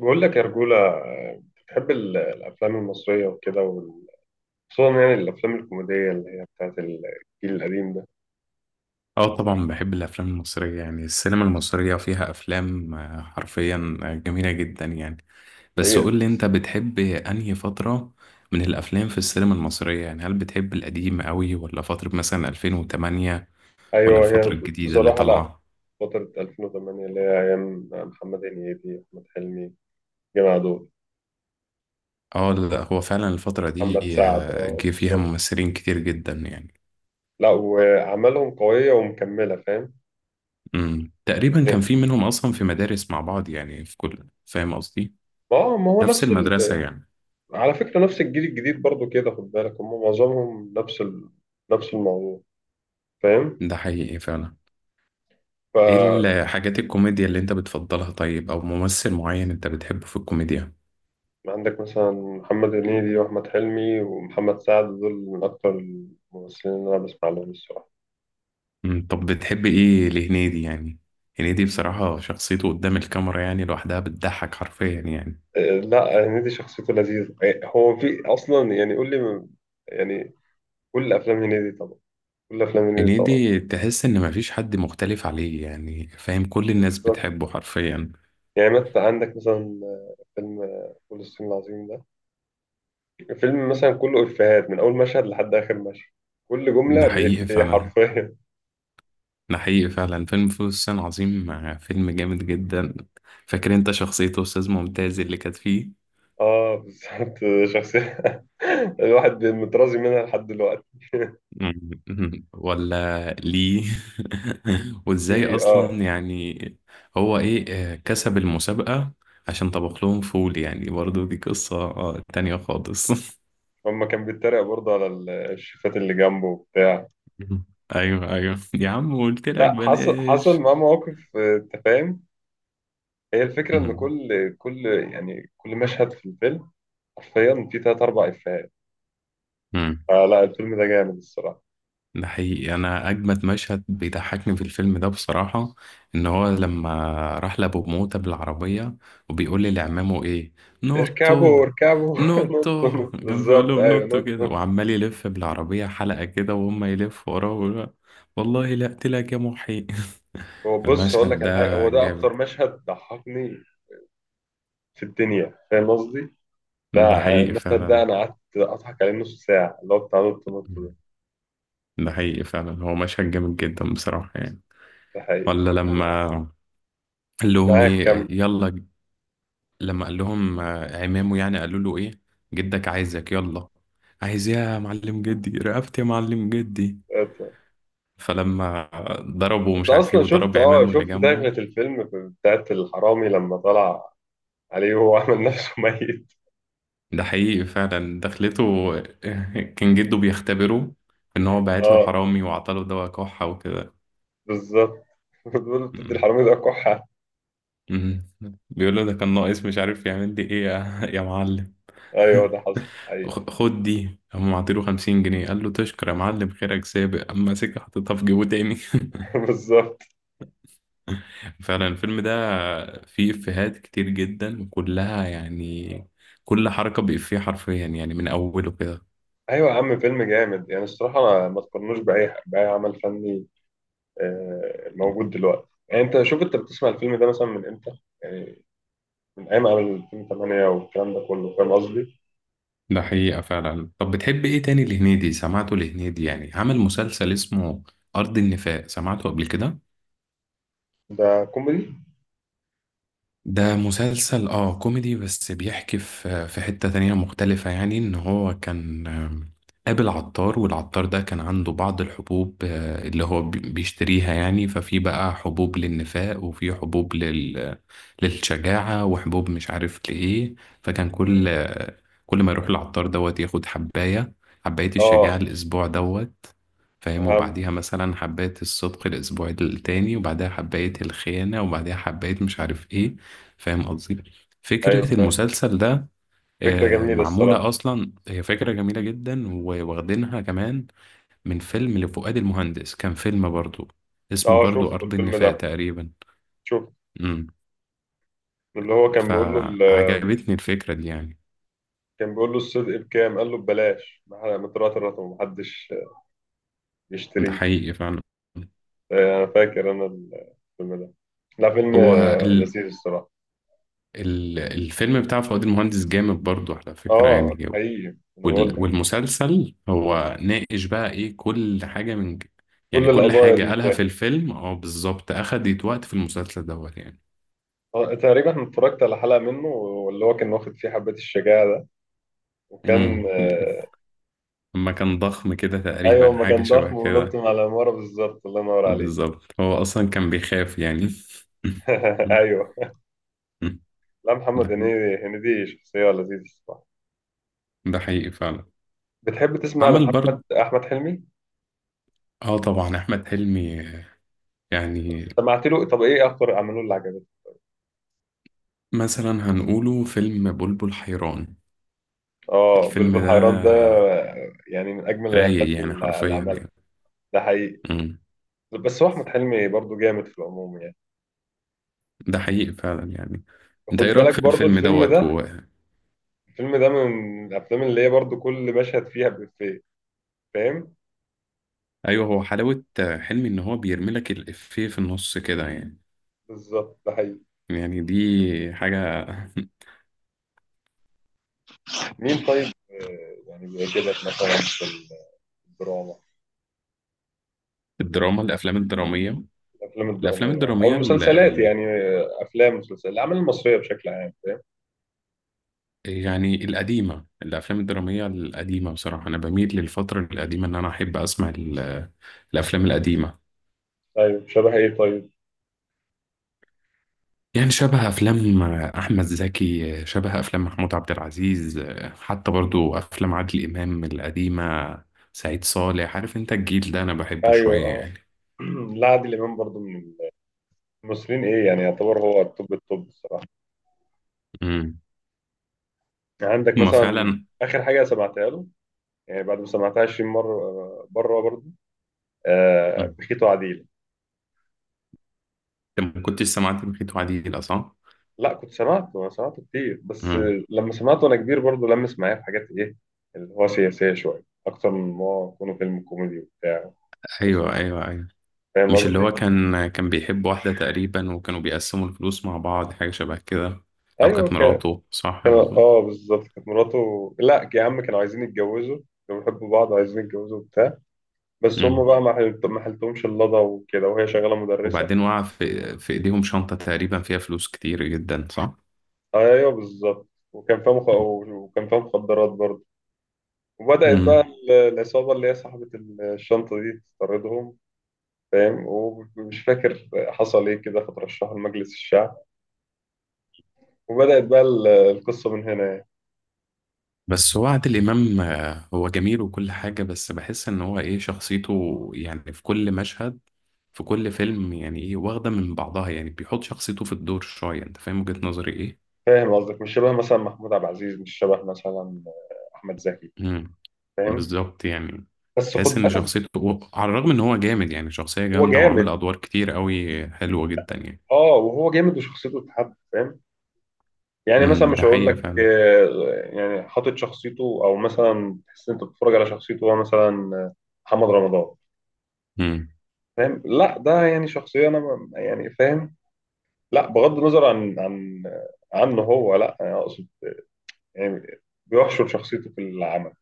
بقول لك يا رجولة، بتحب الأفلام المصرية وكده خصوصا يعني الأفلام الكوميدية اللي هي بتاعت الجيل القديم ده. اه، طبعا بحب الافلام المصريه. يعني السينما المصريه فيها افلام حرفيا جميله جدا يعني. بس هي قول لي انت بتحب انهي فتره من الافلام في السينما المصريه؟ يعني هل بتحب القديم قوي، ولا فتره مثلا 2008، ولا أيوه، هي الفتره الجديده اللي بصراحة لأ، طالعه؟ فترة 2008 اللي هي أيام محمد هنيدي، أحمد حلمي، جماعة عدول، اه، لا هو فعلا الفتره دي محمد سعد. أه جه فيها بالظبط، ممثلين كتير جدا يعني. لأ وأعمالهم قوية ومكملة، فاهم؟ تقريبا كان إيه. في منهم اصلا في مدارس مع بعض، يعني في كل، فاهم قصدي. ما هو نفس نفس المدرسه يعني. على فكرة نفس الجيل الجديد برضو كده، خد بالك هم معظمهم نفس نفس الموضوع، فاهم. ده حقيقي فعلا. ايه ف الحاجات الكوميديا اللي انت بتفضلها، طيب؟ او ممثل معين انت بتحبه في الكوميديا؟ عندك مثلا محمد هنيدي وأحمد حلمي ومحمد سعد، دول من أكتر الممثلين اللي أنا بسمع لهم الصراحة. طب بتحب ايه لهنيدي يعني؟ هنيدي بصراحة شخصيته قدام الكاميرا، يعني لوحدها بتضحك حرفيا يعني. إيه، لا هنيدي شخصيته لذيذة. إيه، هو في أصلا، يعني قول لي يعني. كل أفلام هنيدي طبعا كل أفلام هنيدي طبعا. هنيدي تحس ان مفيش حد مختلف عليه، يعني فاهم، كل الناس بالظبط. بتحبه حرفيا. يعني مثلا عندك مثلا فيلم فول الصين العظيم ده، الفيلم مثلا كله إفيهات من أول مشهد لحد آخر مشهد، كل جملة ده حقيقي بإفيه فعلا. حرفيا. ده حقيقي فعلا، فيلم فول الصين العظيم فيلم جامد جدا. فاكر انت شخصية استاذ ممتاز اللي كانت فيه؟ اه بالظبط، شخصية الواحد مترازي منها لحد دلوقتي. مم. ولا ليه؟ وازاي ليه؟ اصلا اه، يعني؟ هو ايه؟ كسب المسابقة. عشان طبخ لهم فول، يعني برضو دي قصة تانية خالص. هما كان بيتريق برضه على الشيفات اللي جنبه وبتاع. مم. ايوه ايوه يا عم، قلت لك لا، حصل بلاش. معاه مواقف، انت فاهم. هي الفكرة ان مم. كل يعني كل مشهد في الفيلم حرفيا فيه تلات أربع إفيهات. مم. فلا، الفيلم ده جامد الصراحة. ده حقيقي، انا اجمد مشهد بيضحكني في الفيلم ده بصراحه، ان هو لما راح لابو موته بالعربيه وبيقول لي لعمامه ايه، اركبوا نوتو. اركبوا نطوا نوتو نطوا. كان بيقول بالظبط لهم أيوه، نوتو نطوا. كده، وعمال يلف بالعربيه حلقه كده، وهم يلفوا وراه ويقولوا له، والله لا اقتلك يا محي. هو بص، هقول المشهد لك على حاجة، هو ده ده أكتر جامد. مشهد ضحكني في الدنيا، فاهم قصدي؟ ده، ده حقيقي المشهد ده فعلا. أنا قعدت أضحك عليه نص ساعة، اللي هو بتاع نط نط ده. ده حقيقي فعلا، هو مشهد جامد جدا بصراحه يعني. ده حقيقي. ولا لما قال لهم معاك. ايه، يلا؟ لما قال لهم عمامه، يعني قالوا له ايه؟ جدك عايزك، يلا. عايز إيه يا معلم؟ جدي رقبتي يا معلم، جدي. كمل. فلما ضربه انت مش عارف ايه، اصلا شفت، وضرب اه عمامه اللي شفت دخلة جنبه. الفيلم بتاعت الحرامي لما طلع عليه وهو عمل نفسه ميت. ده حقيقي فعلا دخلته. كان جده بيختبره، ان هو بعت له اه حرامي وعطاله دواء كحة وكده. بالظبط، بتقول له بتدي مم. الحرامي ده كحة. مم. بيقول له ده كان ناقص، مش عارف يعمل لي ايه يا معلم. ايوه، ده حصل حقيقي. خد دي، هم عطيله خمسين جنيه. قال له تشكر يا معلم، خيرك سابق. اما سكة حطيتها في جيبه تاني. بالظبط. فعلا الفيلم ده فيه إفيهات كتير جدا وكلها، يعني كل حركة بإفيه حرفيا يعني، من أوله كده. ايوه يا عم، فيلم جامد يعني الصراحة، ما تقارنوش بأي عمل فني موجود دلوقتي. يعني انت شوف، انت بتسمع الفيلم ده مثلا من امتى؟ يعني من ايام عمل 2008 والكلام ده كله، فاهم قصدي. ده حقيقة فعلا. طب بتحب إيه تاني لهنيدي؟ سمعته لهنيدي، يعني عمل مسلسل اسمه أرض النفاق. سمعته قبل كده؟ ده كوميدي؟ ده مسلسل اه كوميدي، بس بيحكي في حتة تانية مختلفة. يعني ان هو كان قابل عطار، والعطار ده كان عنده بعض الحبوب اللي هو بيشتريها. يعني ففي بقى حبوب للنفاق، وفي حبوب للشجاعة، وحبوب مش عارف لإيه. فكان كل ما يروح العطار دوت ياخد حباية، حباية الشجاعة اه الأسبوع دوت، فاهم. فاهم. وبعديها مثلا حباية الصدق الأسبوع التاني، وبعدها حباية الخيانة، وبعدها حباية مش عارف إيه. فاهم قصدي. ايوه فكرة فاهم. المسلسل ده فكرة جميلة معمولة الصراحة. أصلا، هي فكرة جميلة جدا، وواخدينها كمان من فيلم لفؤاد المهندس. كان فيلم برضو اسمه اه شوف برضو أرض الفيلم النفاق ده، تقريبا. شوف امم اللي هو كان بيقول له فعجبتني الفكرة دي يعني. كان بيقول له الصدق بكام، قال له ببلاش، مترات الرقم محدش ده يشتريه. حقيقي فعلا. انا فاكر انا الفيلم ده، لا فيلم هو ال... لذيذ الصراحه. الفيلم بتاع فؤاد المهندس جامد برضو على فكرة اه يعني. حقيقي. انا بقول لك والمسلسل هو ناقش بقى ايه كل حاجة من يعني كل كل القضايا حاجة دي، قالها فاهم. في الفيلم، اه بالظبط، أخدت وقت في المسلسل دوت يعني. تقريبا أنا اتفرجت على حلقه منه، واللي هو كان واخد فيه حبه الشجاعه ده، وكان امم لما كان ضخم كده تقريبا، ايوه، ما حاجة كان شبه ضخم ونط كده. من على العماره، بالظبط الله ينور عليه. بالظبط، هو أصلا كان بيخاف يعني. ايوه. لا ده محمد حقيقي. هنيدي، هنيدي شخصيه لذيذه الصراحه. ده حقيقي فعلا. بتحب تسمع عمل برضه. لمحمد احمد حلمي؟ اه طبعا أحمد حلمي يعني. سمعت له؟ طب ايه اكتر اعماله اللي عجبتك؟ مثلا هنقوله فيلم بلبل حيران. اه الفيلم بلبل ده حيران ده يعني من اجمل الافلام رايق يعني، اللي حرفيا عملها. يعني. ده حقيقي. مم. بس هو احمد حلمي برضو جامد في العموم يعني. ده حقيقي فعلا يعني. انت خد ايه رايك بالك في برضو الفيلم الفيلم دوت ده، هو؟ الفيلم ده من الافلام اللي هي برضو كل مشهد فيها بإفيه، فاهم. ايوه، هو حلاوه حلمي ان هو بيرملك الافيه في النص كده يعني. بالظبط، ده حقيقي. يعني دي حاجه. مين طيب؟ يعني بيعجبك مثلا في الدراما، الدراما، الافلام الدراميه. الافلام الافلام الدراميه او الدراميه ال... المسلسلات ال... يعني، افلام مسلسلات الاعمال المصريه بشكل عام. يعني القديمه، الافلام الدراميه القديمه بصراحه. انا بميل للفتره القديمه، ان انا احب اسمع الافلام القديمه. طيب شبه ايه طيب؟ يعني شبه افلام احمد زكي، شبه افلام محمود عبد العزيز، حتى برضو افلام عادل امام القديمه، سعيد صالح. عارف انت الجيل ده انا بحبه ايوه شويه اه. يعني. لا عادل امام برضو من مصريين ايه يعني، يعتبر هو التوب التوب الصراحه. امم يعني عندك هما مثلا فعلا. اخر حاجه سمعتها له، يعني بعد ما سمعتها 20 مره، بره برضه، آه مم. بخيت وعديل. انت ما كنتش سمعت بخيت وعديلة صح؟ لا كنت سمعته، انا سمعته كتير، بس امم لما سمعته وانا كبير برضه لمس معايا في حاجات ايه، اللي هو سياسيه شويه اكتر من ما هو يكون فيلم كوميدي وبتاع، بس. ايوه ايوه ايوه. فاهم مش اللي قصدي؟ هو كان بيحب واحده تقريبا، وكانوا بيقسموا الفلوس مع بعض، حاجه شبه كده. او ايوه كانت كان. مراته صح كان برضو؟ اه بالظبط، كانت مراته. لا يا عم، كانوا عايزين يتجوزوا، كانوا بيحبوا بعض وعايزين يتجوزوا وبتاع، بس هم امم بقى ما حلتهمش اللضا وكده، وهي شغاله مدرسه. وبعدين وقع في ايديهم شنطه تقريبا فيها فلوس كتير جدا صح؟ ايوه بالظبط، وكان فيها وكان فيها مخدرات برضه، وبدأت بقى مم. العصابة اللي هي صاحبة الشنطة دي تطاردهم، فاهم. ومش فاكر حصل ايه كده، فترشحوا لمجلس الشعب، وبدأت بقى القصة من هنا يعني. بس هو عادل إمام هو جميل وكل حاجة، بس بحس إن هو إيه شخصيته يعني، في كل مشهد في كل فيلم يعني إيه، واخدة من بعضها، يعني بيحط شخصيته في الدور شوية. أنت فاهم وجهة نظري إيه؟ فاهم قصدك، مش شبه مثلا محمود عبد العزيز، مش شبه مثلا أحمد زكي، امم فاهم. بالظبط يعني. بس خد تحس إن بالك، شخصيته على الرغم إن هو جامد، يعني شخصية هو جامدة وعمل جامد. أدوار كتير قوي حلوة جدا يعني. اه وهو جامد، وشخصيته اتحب، فاهم. يعني مثلا مش ده هقول حقيقة لك، فعلا. يعني حاطط شخصيته، او مثلا تحس إن انت بتتفرج على شخصيته هو، مثلا محمد رمضان، فاهم. لا ده يعني شخصيه انا يعني فاهم. لا بغض النظر عن عنه هو، لا انا اقصد يعني بيحشر شخصيته في العمل،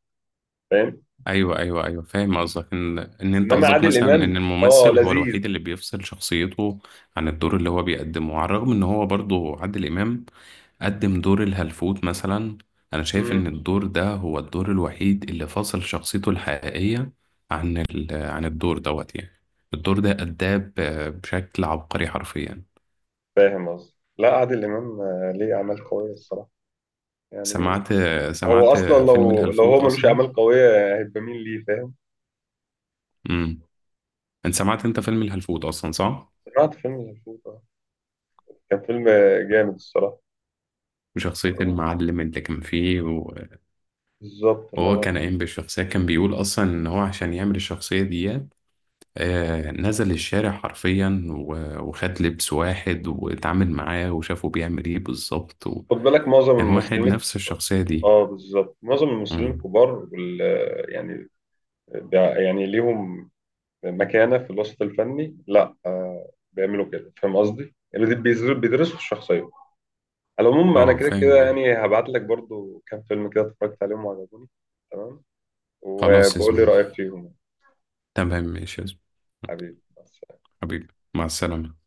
فاهم. ايوه ايوه ايوه، فاهم قصدك ان انت انما قصدك عادل مثلا ان امام اه الممثل هو لذيذ. الوحيد اللي بيفصل شخصيته عن الدور اللي هو بيقدمه، على الرغم ان هو برضو عادل امام قدم دور الهلفوت مثلا. انا شايف مم. ان الدور ده هو الدور الوحيد اللي فصل شخصيته الحقيقيه عن عن الدور دوت يعني. الدور ده اداه بشكل عبقري حرفيا. فاهم قصدي. لا عادل امام ليه اعمال قويه الصراحه، يعني سمعت هو سمعت اصلا فيلم لو هو الهلفوت ملوش اصلا. اعمال قويه هيبقى مين ليه، فاهم. امم انت سمعت انت فيلم الهلفوت اصلا صح؟ سمعت فيلم الفوت، كان فيلم جامد الصراحة. وشخصية المعلم اللي كان فيه، بالظبط، اللي وهو أنا. كان قايم بالشخصية، كان بيقول أصلا إن هو عشان يعمل الشخصية دي نزل الشارع حرفيا، وخد لبس واحد واتعامل معاه وشافه بيعمل إيه بالظبط، خد وكان بالك معظم واحد الممثلين، نفس الشخصية دي. اه بالظبط، معظم الممثلين مم. الكبار يعني بيع- يعني ليهم مكانة في الوسط الفني، لا آه بيعملوا كده، فاهم قصدي؟ يعني دي بيدرسوا الشخصية. على العموم أنا اه كده فاهم كده قصدك. يعني هبعت لك برضو كام فيلم كده اتفرجت عليهم وعجبوني، تمام؟ خلاص يا وبقول لي زميلي. رأيك فيهم. تمام ماشي يا زميلي. حبيبي. حبيبي، مع السلامة.